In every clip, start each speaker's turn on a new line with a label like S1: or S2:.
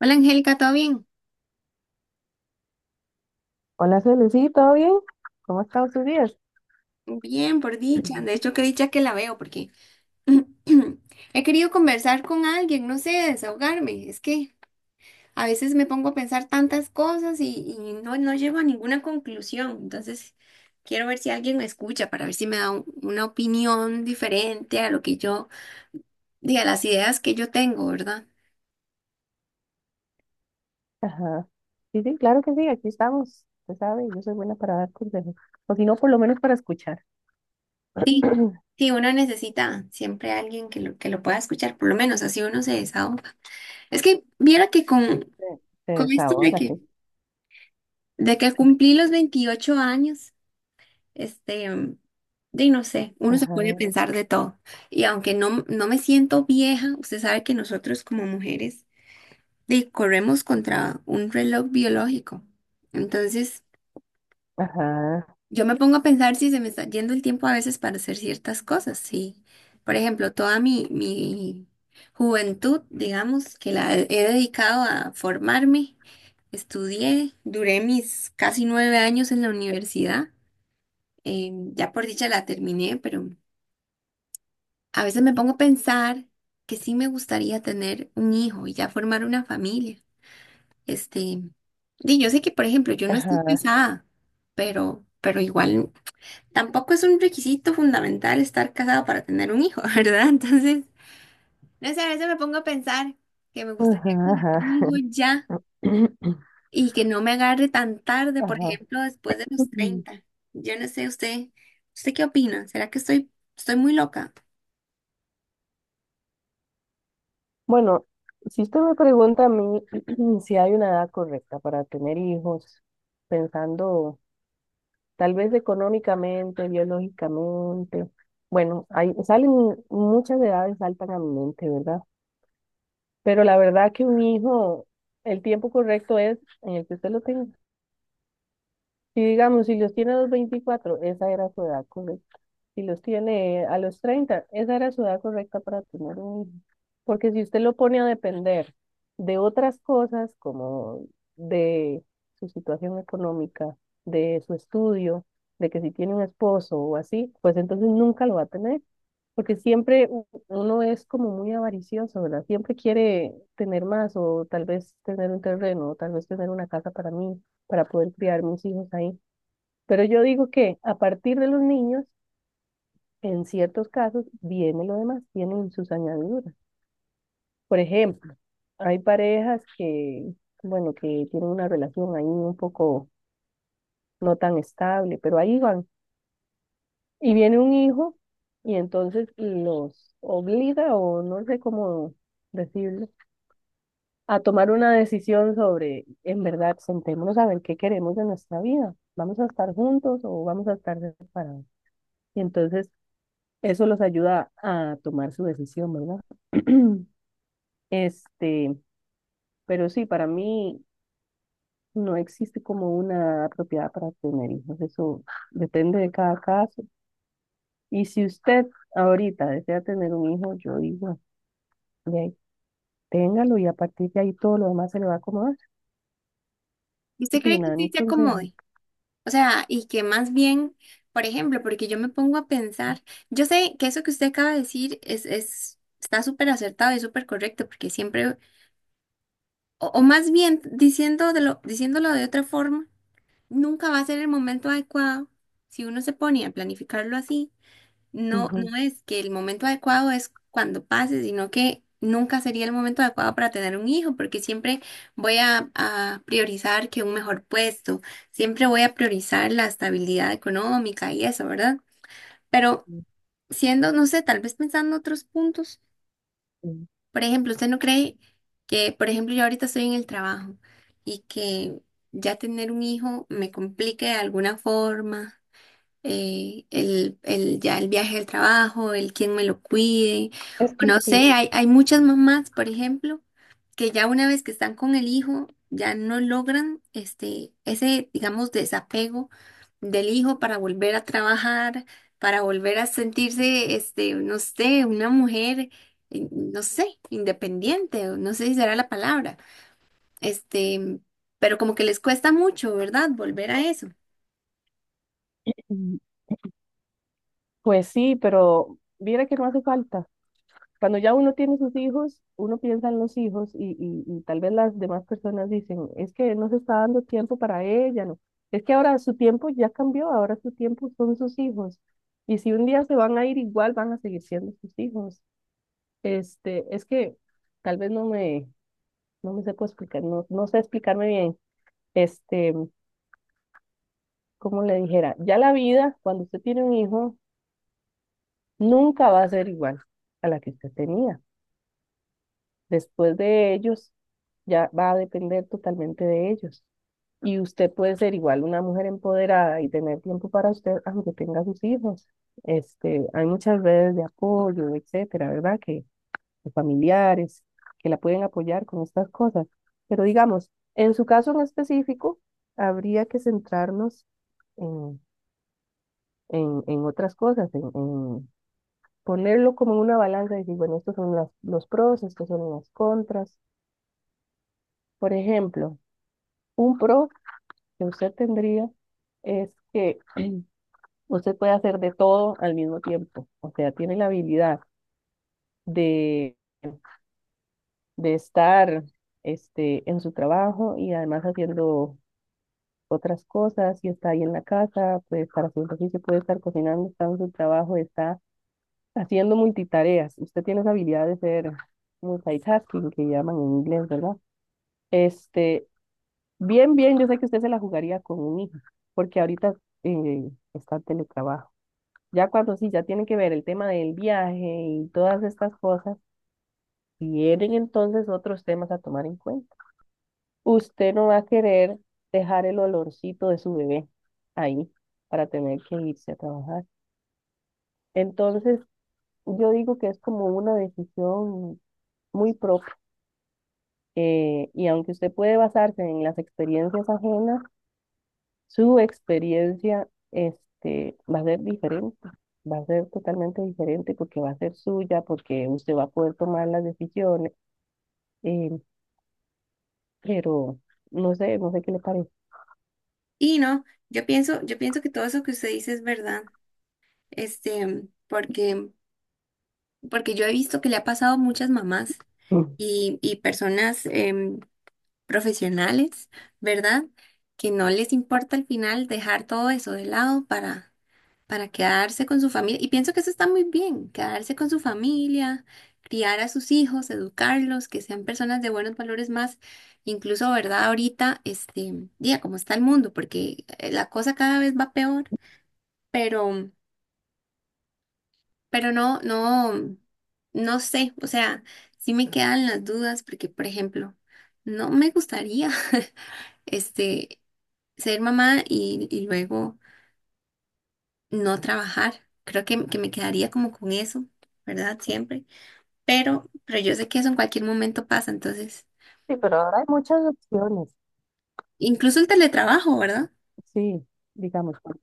S1: Hola Angélica, ¿todo bien?
S2: Hola, Celi, sí, ¿todo bien? ¿Cómo están estado sus días?
S1: Bien, por dicha. De hecho, qué dicha que la veo porque he querido conversar con alguien, no sé, desahogarme. Es que a veces me pongo a pensar tantas cosas y no llego a ninguna conclusión. Entonces, quiero ver si alguien me escucha para ver si me da una opinión diferente a lo que yo, diga las ideas que yo tengo, ¿verdad?
S2: Ajá. Sí, claro que sí, aquí estamos. Usted sabe, yo soy buena para dar consejos. O si no, por lo menos para escuchar.
S1: Sí, sí, uno necesita siempre a alguien que lo pueda escuchar, por lo menos así uno se desahoga. Es que viera que con,
S2: Se se
S1: con esto de
S2: desahoga,
S1: que...
S2: sí.
S1: De que cumplí los 28 años, este, de no sé, uno se puede
S2: Ajá,
S1: pensar de todo. Y aunque no me siento vieja, usted sabe que nosotros como mujeres de, corremos contra un reloj biológico. Entonces,
S2: ajá,
S1: yo me pongo a pensar si se me está yendo el tiempo a veces para hacer ciertas cosas. Sí, por ejemplo, toda mi juventud, digamos, que la he dedicado a formarme, estudié, duré mis casi 9 años en la universidad. Ya por dicha la terminé, pero a veces me pongo a pensar que sí me gustaría tener un hijo y ya formar una familia. Este, y yo sé que, por ejemplo, yo no estoy
S2: ajá,
S1: casada, pero igual tampoco es un requisito fundamental estar casado para tener un hijo, ¿verdad? Entonces, no sé, a veces me pongo a pensar que me gustaría
S2: ajá,
S1: tener un hijo
S2: ajá.
S1: ya y que no me agarre tan tarde, por
S2: Ajá.
S1: ejemplo, después de los 30. Yo no sé, usted, ¿usted qué opina? ¿Será que estoy muy loca?
S2: Bueno, si usted me pregunta a mí si hay una edad correcta para tener hijos, pensando, tal vez económicamente, biológicamente. Bueno, hay, salen muchas edades, saltan a mi mente, ¿verdad? Pero la verdad que un hijo, el tiempo correcto es en el que usted lo tenga. Si digamos, si los tiene a los 24, esa era su edad correcta; si los tiene a los 30, esa era su edad correcta para tener un hijo. Porque si usted lo pone a depender de otras cosas, como de su situación económica, de su estudio, de que si tiene un esposo o así, pues entonces nunca lo va a tener. Porque siempre uno es como muy avaricioso, ¿verdad? Siempre quiere tener más, o tal vez tener un terreno, o tal vez tener una casa para mí, para poder criar mis hijos ahí. Pero yo digo que a partir de los niños, en ciertos casos, viene lo demás, tienen sus añadiduras. Por ejemplo, hay parejas que, bueno, que tienen una relación ahí un poco no tan estable, pero ahí van. Y viene un hijo y entonces los obliga, o no sé cómo decirlo, a tomar una decisión sobre, en verdad, sentémonos a ver qué queremos de nuestra vida. ¿Vamos a estar juntos o vamos a estar separados? Y entonces eso los ayuda a tomar su decisión, ¿verdad? Este, pero sí, para mí no existe como una propiedad para tener hijos. Eso depende de cada caso. Y si usted ahorita desea tener un hijo, yo digo, de ahí, téngalo, y a partir de ahí todo lo demás se le va a acomodar.
S1: ¿Y
S2: ¿Qué
S1: ¿usted cree que
S2: opina de
S1: usted
S2: mi
S1: se
S2: consejo?
S1: acomode? O sea, y que más bien, por ejemplo, porque yo me pongo a pensar, yo sé que eso que usted acaba de decir está súper acertado y súper correcto, porque siempre, o más bien diciéndolo de otra forma, nunca va a ser el momento adecuado si uno se pone a planificarlo así. No,
S2: Ujú.
S1: no es que el momento adecuado es cuando pase, sino que nunca sería el momento adecuado para tener un hijo, porque siempre voy a priorizar que un mejor puesto, siempre voy a priorizar la estabilidad económica y eso, ¿verdad? Pero siendo, no sé, tal vez pensando otros puntos, por ejemplo, ¿usted no cree que, por ejemplo, yo ahorita estoy en el trabajo y que ya tener un hijo me complique de alguna forma? Ya el viaje al trabajo, el quién me lo cuide,
S2: Es
S1: o
S2: que
S1: no
S2: sí.
S1: sé, hay muchas mamás, por ejemplo, que ya una vez que están con el hijo, ya no logran digamos, desapego del hijo para volver a trabajar, para volver a sentirse, no sé, una mujer, no sé, independiente, o no sé si será la palabra, este, pero como que les cuesta mucho, ¿verdad? Volver a eso.
S2: Mm. Pues sí, pero mira que no hace falta. Cuando ya uno tiene sus hijos, uno piensa en los hijos y, y tal vez las demás personas dicen, es que no se está dando tiempo para ella, no. Es que ahora su tiempo ya cambió, ahora su tiempo son sus hijos. Y si un día se van a ir igual, van a seguir siendo sus hijos. Este, es que tal vez no me, no me sepa explicar, no sé explicarme bien. Este, como le dijera, ya la vida, cuando usted tiene un hijo, nunca va a ser igual a la que usted tenía. Después de ellos, ya va a depender totalmente de ellos. Y usted puede ser igual una mujer empoderada y tener tiempo para usted, aunque tenga sus hijos. Este, hay muchas redes de apoyo, etcétera, ¿verdad? Que de familiares que la pueden apoyar con estas cosas. Pero digamos, en su caso en específico, habría que centrarnos en, en otras cosas, en ponerlo como en una balanza y decir, bueno, los pros, estos son las contras. Por ejemplo, un pro que usted tendría es que usted puede hacer de todo al mismo tiempo. O sea, tiene la habilidad de, de estar este, en su trabajo y además haciendo otras cosas. Si está ahí en la casa, puede estar haciendo ejercicio, puede estar cocinando, está en su trabajo, está haciendo multitareas. Usted tiene esa habilidad de ser multitasking, que llaman en inglés, ¿verdad? Este, bien, bien, yo sé que usted se la jugaría con un hijo, porque ahorita está teletrabajo. Ya cuando sí, ya tienen que ver el tema del viaje y todas estas cosas, tienen entonces otros temas a tomar en cuenta. Usted no va a querer dejar el olorcito de su bebé ahí para tener que irse a trabajar. Entonces, yo digo que es como una decisión muy propia. Y aunque usted puede basarse en las experiencias ajenas, su experiencia este, va a ser diferente, va a ser totalmente diferente porque va a ser suya, porque usted va a poder tomar las decisiones, eh, pero no sé qué le parece.
S1: Y no, yo pienso que todo eso que usted dice es verdad, porque, porque yo he visto que le ha pasado a muchas mamás
S2: Mm.
S1: y personas profesionales, ¿verdad? Que no les importa al final dejar todo eso de lado para quedarse con su familia. Y pienso que eso está muy bien, quedarse con su familia, criar a sus hijos, educarlos, que sean personas de buenos valores más incluso, ¿verdad? Ahorita, día, como está el mundo, porque la cosa cada vez va peor, pero, pero no sé, o sea, sí me quedan las dudas porque, por ejemplo, no me gustaría, este, ser mamá y luego no trabajar. Creo que me quedaría como con eso, ¿verdad? Siempre. Pero yo sé que eso en cualquier momento pasa, entonces,
S2: Sí, pero ahora hay muchas opciones.
S1: incluso el teletrabajo, ¿verdad?
S2: Sí, digamos,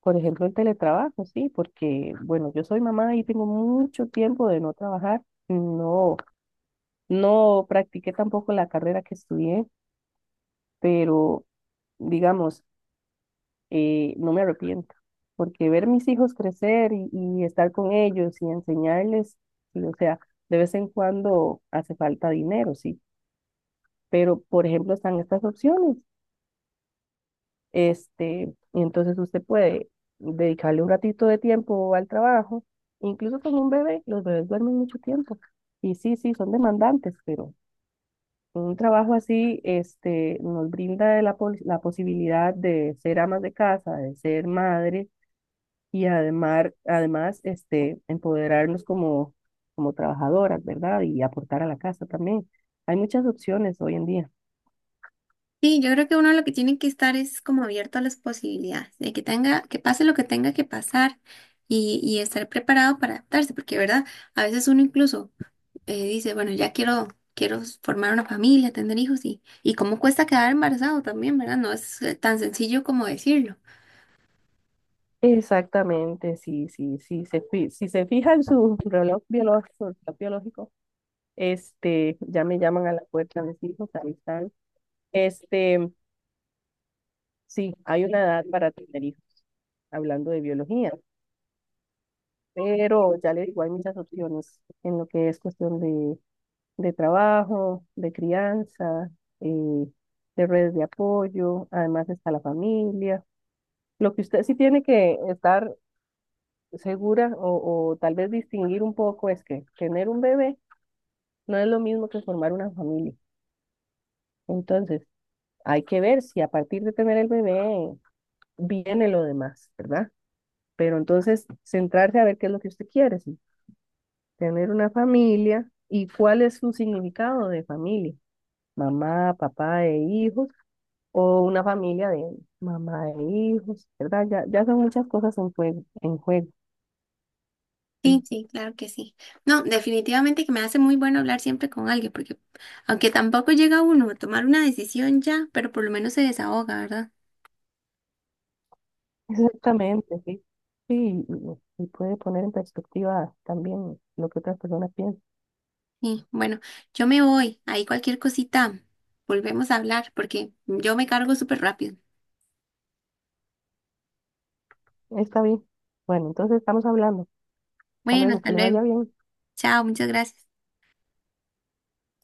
S2: por ejemplo, el teletrabajo, sí, porque, bueno, yo soy mamá y tengo mucho tiempo de no trabajar, no, no practiqué tampoco la carrera que estudié, pero, digamos, no me arrepiento, porque ver mis hijos crecer y estar con ellos y enseñarles, y, o sea, de vez en cuando hace falta dinero, sí, pero por ejemplo están estas opciones, este, y entonces usted puede dedicarle un ratito de tiempo al trabajo, incluso con un bebé, los bebés duermen mucho tiempo, y sí, son demandantes, pero... Un trabajo así, este, nos brinda la, la posibilidad de ser amas de casa, de ser madre, y además este, empoderarnos como, como trabajadoras, ¿verdad? Y aportar a la casa también. Hay muchas opciones hoy en día.
S1: Sí, yo creo que uno lo que tiene que estar es como abierto a las posibilidades, de que tenga, que pase lo que tenga que pasar y estar preparado para adaptarse, porque, ¿verdad? A veces uno incluso dice, bueno, quiero formar una familia, tener hijos y cómo cuesta quedar embarazado también, ¿verdad? No es tan sencillo como decirlo.
S2: Exactamente, sí, sí, sí. Si se fija en su reloj biológico, este, ya me llaman a la puerta mis hijos, ahí están. Este, sí, hay una edad para tener hijos, hablando de biología, pero ya le digo, hay muchas opciones en lo que es cuestión de trabajo, de crianza, eh, de redes de apoyo, además está la familia. Lo que usted sí tiene que estar segura o tal vez distinguir un poco es que tener un bebé no es lo mismo que formar una familia. Entonces, hay que ver si a partir de tener el bebé viene lo demás, ¿verdad? Pero entonces, centrarse a ver qué es lo que usted quiere, sí, tener una familia y cuál es su significado de familia, mamá, papá e hijos, o una familia de mamá e hijos, ¿verdad? Ya son muchas cosas en juego, en juego.
S1: Sí,
S2: Sí.
S1: sí, claro que sí. No, definitivamente que me hace muy bueno hablar siempre con alguien, porque aunque tampoco llega uno a tomar una decisión ya, pero por lo menos se desahoga, ¿verdad?
S2: Exactamente, sí. Sí, y puede poner en perspectiva también lo que otras personas piensan.
S1: Sí, bueno, yo me voy. Ahí cualquier cosita, volvemos a hablar porque yo me cargo súper rápido.
S2: Está bien. Bueno, entonces estamos hablando. Hasta
S1: Bueno,
S2: luego,
S1: hasta
S2: que le
S1: luego.
S2: vaya bien.
S1: Chao, muchas gracias.